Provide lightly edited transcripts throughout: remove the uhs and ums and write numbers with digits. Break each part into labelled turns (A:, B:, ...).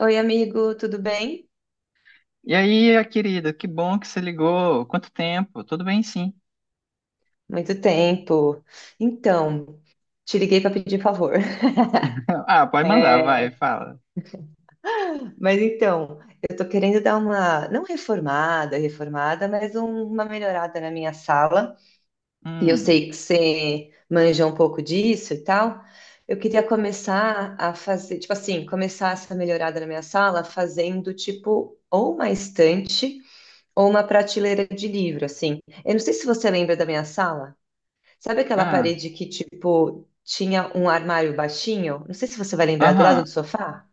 A: Oi, amigo, tudo bem?
B: E aí, querida, que bom que você ligou. Quanto tempo? Tudo bem, sim.
A: Muito tempo. Então, te liguei para pedir favor.
B: Ah, pode mandar, vai,
A: É,
B: fala.
A: mas então, eu tô querendo dar uma, não reformada, reformada, mas uma melhorada na minha sala. E eu
B: Hum,
A: sei que você manja um pouco disso e tal. Eu queria começar a fazer, tipo assim, começar essa melhorada na minha sala fazendo tipo ou uma estante ou uma prateleira de livro, assim. Eu não sei se você lembra da minha sala. Sabe aquela
B: ah,
A: parede que, tipo, tinha um armário baixinho? Não sei se você vai lembrar, do lado do
B: aham.
A: sofá?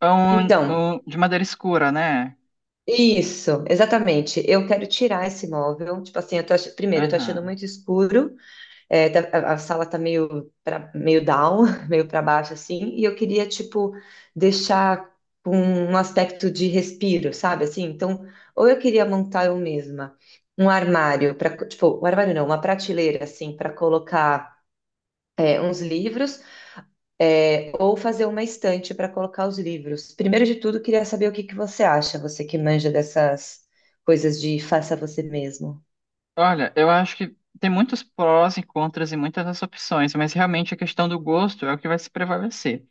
B: É, Um,
A: Então,
B: um, de madeira escura, né?
A: isso, exatamente. Eu quero tirar esse móvel. Tipo assim, primeiro, eu tô achando
B: Aham.
A: muito escuro. A sala tá meio, meio down, meio para baixo, assim, e eu queria, tipo, deixar com um aspecto de respiro, sabe? Assim, então, ou eu queria montar eu mesma um armário, para tipo, um armário não, uma prateleira, assim, para colocar. É, uns livros, ou fazer uma estante para colocar os livros. Primeiro de tudo, queria saber o que que você acha, você que manja dessas coisas de faça você mesmo.
B: Olha, eu acho que tem muitos prós e contras e muitas das opções, mas realmente a questão do gosto é o que vai se prevalecer.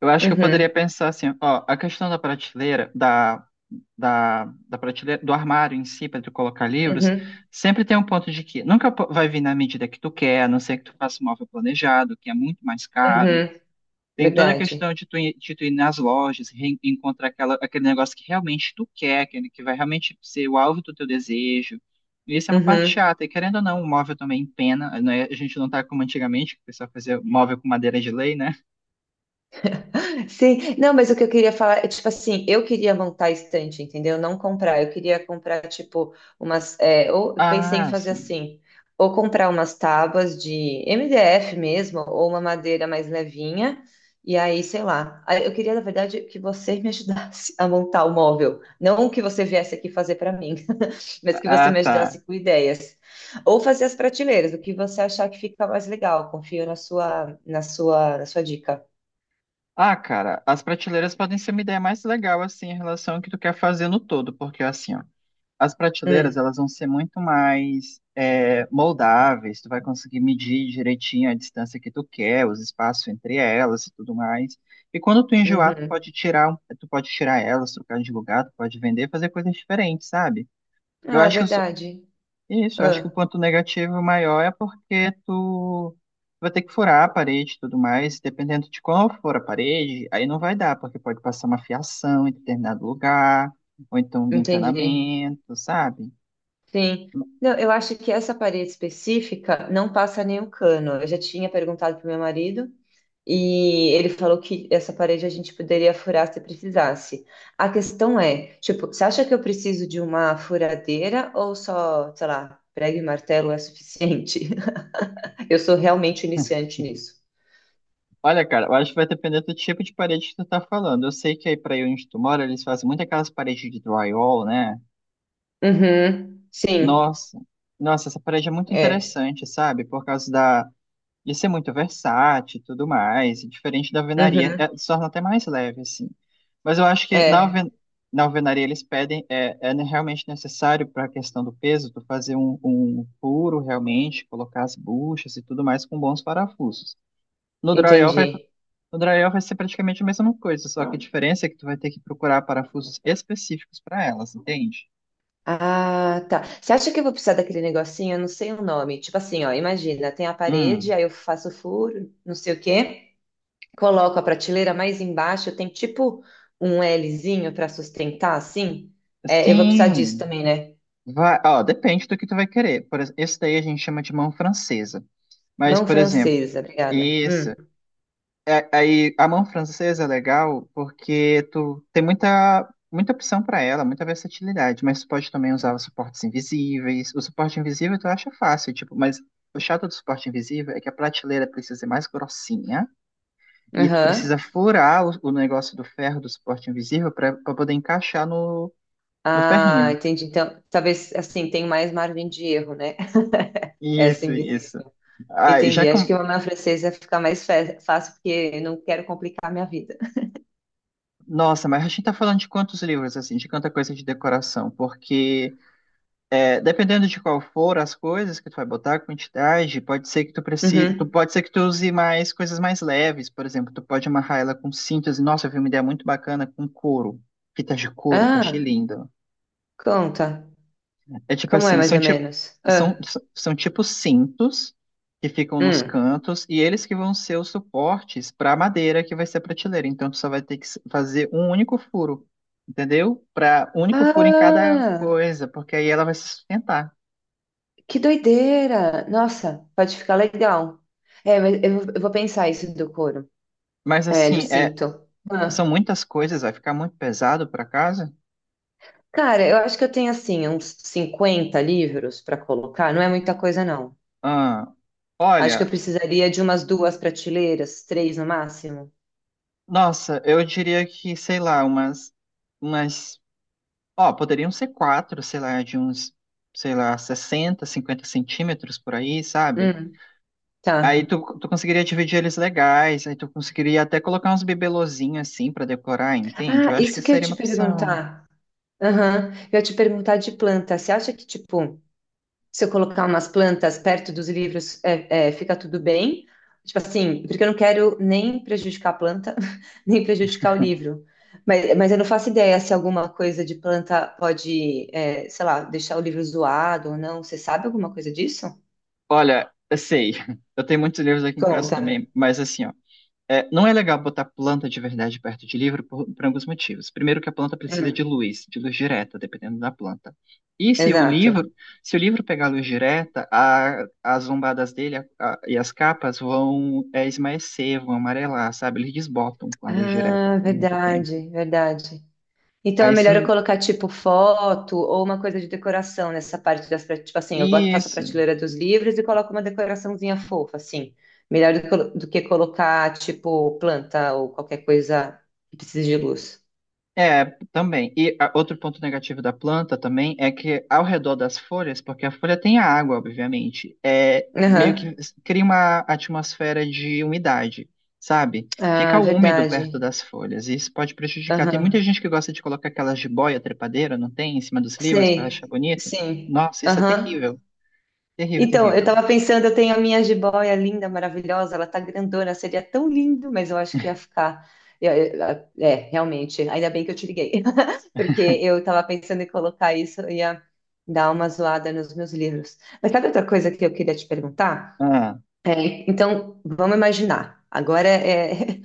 B: Eu acho que eu poderia
A: Uhum,
B: pensar assim, ó, a questão da prateleira, da prateleira, do armário em si, para tu colocar livros,
A: uhum,
B: sempre tem um ponto de que nunca vai vir na medida que tu quer, a não ser que tu faça um móvel planejado, que é muito mais caro.
A: uhum.
B: Tem toda a
A: Verdade.
B: questão de tu ir nas lojas, encontrar aquela, aquele negócio que realmente tu quer, aquele que vai realmente ser o alvo do teu desejo. E isso é uma parte chata, e querendo ou não, o móvel também empena, né? A gente não tá como antigamente, que o pessoal fazia móvel com madeira de lei, né?
A: Sim, não, mas o que eu queria falar é, tipo assim, eu queria montar estante, entendeu? Não comprar, eu queria comprar, tipo, ou eu pensei em
B: Ah,
A: fazer
B: sim.
A: assim, ou comprar umas tábuas de MDF mesmo, ou uma madeira mais levinha, e aí, sei lá, aí eu queria, na verdade, que você me ajudasse a montar o móvel, não que você viesse aqui fazer para mim, mas que você
B: Ah,
A: me
B: tá.
A: ajudasse com ideias, ou fazer as prateleiras, o que você achar que fica mais legal, confio na sua dica.
B: Ah, cara, as prateleiras podem ser uma ideia mais legal, assim, em relação ao que tu quer fazer no todo, porque, assim, ó, as prateleiras,
A: Hum,
B: elas vão ser muito mais moldáveis, tu vai conseguir medir direitinho a distância que tu quer, os espaços entre elas e tudo mais. E quando tu enjoar,
A: uhum.
B: tu pode tirar elas, trocar de lugar, tu pode vender, fazer coisas diferentes, sabe? Eu
A: Ah,
B: acho que os
A: verdade.
B: Isso, eu acho que o
A: Ah,
B: ponto negativo maior é porque tu vai ter que furar a parede e tudo mais, dependendo de qual for a parede, aí não vai dar, porque pode passar uma fiação em determinado lugar, ou então um
A: entendi.
B: encanamento, sabe?
A: Sim. Não, eu acho que essa parede específica não passa nenhum cano. Eu já tinha perguntado para meu marido e ele falou que essa parede a gente poderia furar se precisasse. A questão é, tipo, você acha que eu preciso de uma furadeira ou só, sei lá, prego e martelo é suficiente? Eu sou realmente iniciante nisso.
B: Olha, cara, eu acho que vai depender do tipo de parede que tu tá falando. Eu sei que aí pra aí onde tu mora, eles fazem muito aquelas paredes de drywall, né?
A: Uhum, sim,
B: Nossa, nossa, essa parede é muito
A: é.
B: interessante, sabe? Por causa da. E ser muito versátil e tudo mais, e diferente da alvenaria,
A: Uhum,
B: se torna até mais leve, assim. Mas eu acho que na,
A: é,
B: alven na alvenaria eles pedem, realmente necessário para a questão do peso, tu fazer um furo realmente, colocar as buchas e tudo mais com bons parafusos. No drywall vai,
A: entendi.
B: no drywall vai ser praticamente a mesma coisa, só que a diferença é que tu vai ter que procurar parafusos específicos para elas, entende?
A: Ah, tá. Você acha que eu vou precisar daquele negocinho? Eu não sei o nome. Tipo assim, ó, imagina, tem a parede,
B: Hum,
A: aí eu faço o furo, não sei o quê, coloco a prateleira mais embaixo, tem tipo um Lzinho para sustentar, assim. É, eu vou precisar disso
B: sim.
A: também, né?
B: Vai, ó, depende do que tu vai querer. Por exemplo, esse daí a gente chama de mão francesa. Mas,
A: Mão
B: por exemplo,
A: francesa, obrigada.
B: isso. Aí a mão francesa é legal porque tu tem muita, muita opção para ela, muita versatilidade, mas tu pode também usar os suportes invisíveis. O suporte invisível tu acha fácil, tipo, mas o chato do suporte invisível é que a prateleira precisa ser mais grossinha e tu precisa
A: Aham.
B: furar o negócio do ferro do suporte invisível para poder encaixar no
A: Ah,
B: ferrinho.
A: entendi. Então, talvez assim, tem mais margem de erro, né? Essa
B: Isso, isso.
A: invisível.
B: Ah, já
A: Entendi. Acho
B: com...
A: que uma mão francesa fica mais fácil, porque eu não quero complicar a minha vida.
B: Nossa, mas a gente tá falando de quantos livros, assim, de quanta coisa de decoração, porque dependendo de qual for as coisas que tu vai botar, a quantidade,
A: Uhum.
B: pode ser que tu use mais coisas mais leves, por exemplo, tu pode amarrar ela com cintas, e, nossa, eu vi uma ideia muito bacana com couro, fitas de couro, que eu achei
A: Ah,
B: linda.
A: conta.
B: É tipo
A: Como é,
B: assim,
A: mais
B: são
A: ou
B: tipo,
A: menos?
B: são,
A: Ah,
B: são, são tipo cintos que ficam nos
A: hum.
B: cantos e eles que vão ser os suportes para a madeira que vai ser a prateleira, então tu só vai ter que fazer um único furo, entendeu? Para único furo em cada
A: Ah,
B: coisa, porque aí ela vai se sustentar.
A: que doideira! Nossa, pode ficar legal. É, mas eu vou pensar isso do couro,
B: Mas
A: é, do
B: assim,
A: cinto.
B: são
A: Ah.
B: muitas coisas, vai ficar muito pesado para casa?
A: Cara, eu acho que eu tenho, assim, uns 50 livros para colocar. Não é muita coisa, não.
B: Ah,
A: Acho que eu
B: olha,
A: precisaria de umas duas prateleiras, três no máximo.
B: nossa, eu diria que, sei lá, umas, ó, poderiam ser quatro, sei lá, de uns, sei lá, 60, 50 centímetros por aí, sabe?
A: Hum, tá.
B: Aí tu conseguiria dividir eles legais, aí tu conseguiria até colocar uns bibelozinhos assim para decorar, entende? Eu
A: Ah,
B: acho que
A: isso que eu ia
B: seria
A: te
B: uma opção.
A: perguntar. Aham. Eu ia te perguntar de planta. Você acha que, tipo, se eu colocar umas plantas perto dos livros, fica tudo bem. Tipo assim, porque eu não quero nem prejudicar a planta, nem prejudicar o livro. Mas eu não faço ideia se alguma coisa de planta pode, sei lá, deixar o livro zoado ou não. Você sabe alguma coisa disso?
B: Olha, eu sei, eu tenho muitos livros aqui em casa
A: Conta.
B: também, mas assim, ó. É, não é legal botar planta de verdade perto de livro por alguns motivos. Primeiro, que a planta precisa
A: Hum,
B: de luz direta, dependendo da planta. E se o livro,
A: exato.
B: se o livro pegar luz direta, as lombadas dele e as capas vão esmaecer, vão amarelar, sabe? Eles desbotam com a luz direta
A: Ah,
B: por muito tempo.
A: verdade, verdade. Então é
B: Aí,
A: melhor eu colocar tipo foto ou uma coisa de decoração nessa parte tipo assim, eu boto, faço a
B: isso,
A: prateleira dos livros e coloco uma decoraçãozinha fofa, assim. Melhor do que colocar tipo planta ou qualquer coisa que precise de luz.
B: é, também. E outro ponto negativo da planta também é que ao redor das folhas, porque a folha tem a água, obviamente, é meio que
A: Aham.
B: cria uma atmosfera de umidade, sabe? Fica
A: Ah,
B: úmido perto
A: verdade.
B: das folhas e isso pode prejudicar. Tem muita
A: Aham.
B: gente que gosta de colocar aquelas jiboia trepadeira, não tem? Em cima dos livros para achar
A: Sei.
B: bonito.
A: Sim.
B: Nossa, isso é
A: Aham.
B: terrível. Terrível,
A: Então, eu
B: terrível.
A: tava pensando, eu tenho a minha jiboia linda, maravilhosa, ela tá grandona, seria tão lindo, mas eu acho que ia ficar. Eu- eu- É, realmente, ainda bem que eu te liguei, porque eu estava pensando em colocar isso, eu ia dar uma zoada nos meus livros. Mas sabe outra coisa que eu queria te perguntar?
B: Ah,
A: É, então, vamos imaginar. Agora é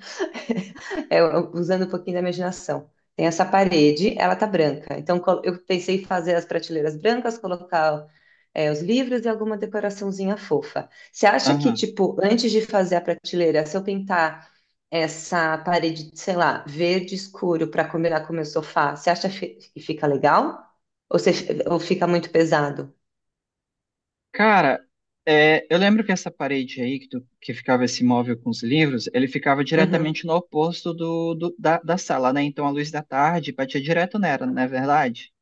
A: é, usando um pouquinho da imaginação. Tem essa parede, ela tá branca. Então eu pensei em fazer as prateleiras brancas, colocar os livros e alguma decoraçãozinha fofa. Você acha que,
B: aham.
A: tipo, antes de fazer a prateleira, se eu pintar essa parede, sei lá, verde escuro para combinar com o meu sofá, você acha que fica legal? Ou, ou fica muito pesado?
B: Cara, eu lembro que essa parede aí, que, que ficava esse móvel com os livros, ele ficava
A: Uhum.
B: diretamente no oposto da sala, né? Então a luz da tarde batia direto nela, não é verdade?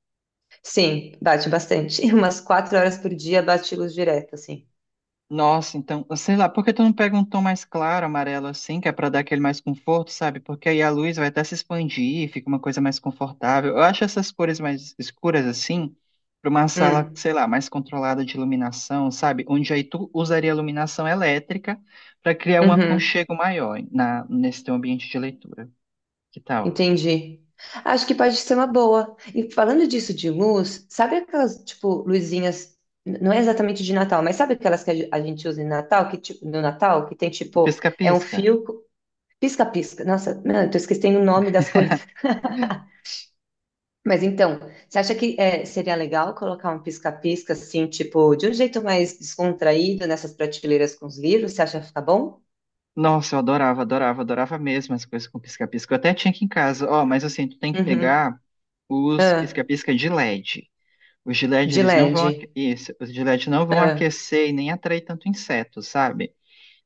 A: Sim, bate bastante. Umas 4 horas por dia bate luz direta, assim.
B: Nossa, então, sei lá, por que tu não pega um tom mais claro, amarelo, assim, que é pra dar aquele mais conforto, sabe? Porque aí a luz vai até se expandir, fica uma coisa mais confortável. Eu acho essas cores mais escuras, assim, pra uma sala,
A: Hum.
B: sei lá, mais controlada de iluminação, sabe? Onde aí tu usaria iluminação elétrica pra criar um
A: Uhum.
B: aconchego maior nesse teu ambiente de leitura. Que tal?
A: Entendi. Acho que pode ser uma boa. E falando disso de luz, sabe aquelas, tipo, luzinhas, não é exatamente de Natal, mas sabe aquelas que a gente usa em Natal, que, tipo, no Natal, que tem, tipo, é um
B: Pisca-pisca.
A: fio, pisca-pisca. Nossa, não, eu tô esquecendo o nome das coisas. Mas então, você acha que seria legal colocar um pisca-pisca, assim, tipo, de um jeito mais descontraído nessas prateleiras com os livros? Você acha que fica bom?
B: Nossa, eu adorava, adorava, adorava mesmo as coisas com pisca-pisca. Eu até tinha aqui em casa. Ó, mas assim, tu tem que
A: Uhum.
B: pegar os
A: Ah,
B: pisca-pisca de LED. Os de LED,
A: de
B: eles não vão... aque-
A: LED.
B: isso, os de LED não vão aquecer e nem atrair tanto inseto, sabe?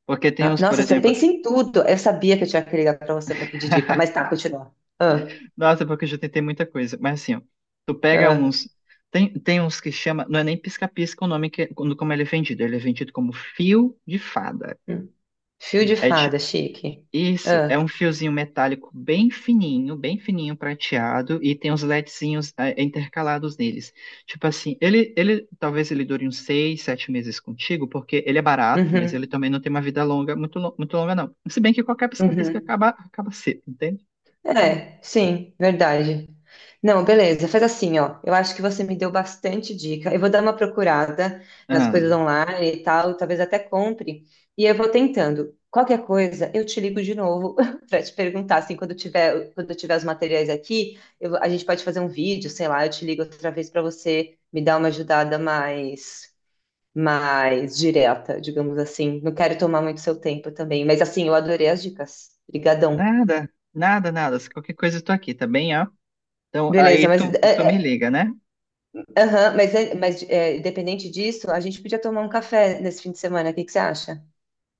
B: Porque tem
A: Ah,
B: uns, por
A: nossa, você
B: exemplo...
A: pensa em tudo. Eu sabia que eu tinha que ligar pra você pra pedir dica, mas tá, continua. Ah,
B: Nossa, porque eu já tentei muita coisa. Mas assim, ó, tu pega
A: ah,
B: uns... Tem uns que chama... Não é nem pisca-pisca o nome que, como ele é vendido. Ele é vendido como fio de fada.
A: hum. Fio de fada, chique.
B: Isso, é
A: Ah,
B: um fiozinho metálico bem fininho prateado e tem uns LEDzinhos intercalados neles. Tipo assim, ele talvez ele dure uns 6, 7 meses contigo, porque ele é barato, mas ele
A: uhum,
B: também não tem uma vida longa, muito, muito longa não. Se bem que qualquer pisca-pisca
A: uhum.
B: acaba, acaba cedo, entende?
A: É, sim, verdade. Não, beleza, faz assim, ó. Eu acho que você me deu bastante dica. Eu vou dar uma procurada nas
B: Ah,
A: coisas online e tal, talvez até compre. E eu vou tentando. Qualquer coisa, eu te ligo de novo para te perguntar, assim, quando eu tiver os materiais aqui, a gente pode fazer um vídeo, sei lá, eu te ligo outra vez para você me dar uma ajudada mais direta, digamos assim. Não quero tomar muito seu tempo também, mas assim, eu adorei as dicas. Obrigadão.
B: nada, nada, nada. Se qualquer coisa eu tô aqui, tá bem, ó? Então aí
A: Beleza, mas
B: tu, tu me
A: é,
B: liga, né?
A: aham, mas é, independente disso, a gente podia tomar um café nesse fim de semana, o que que você acha?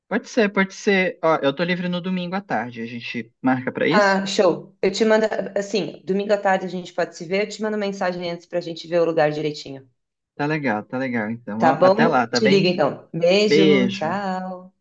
B: Pode ser, pode ser. Ó, eu tô livre no domingo à tarde, a gente marca pra isso?
A: Ah, show. Eu te mando, assim, domingo à tarde a gente pode se ver, eu te mando mensagem antes pra gente ver o lugar direitinho.
B: Tá legal, tá legal. Então,
A: Tá
B: ó, até lá,
A: bom?
B: tá
A: Te ligo
B: bem?
A: então. Beijo,
B: Beijo.
A: tchau.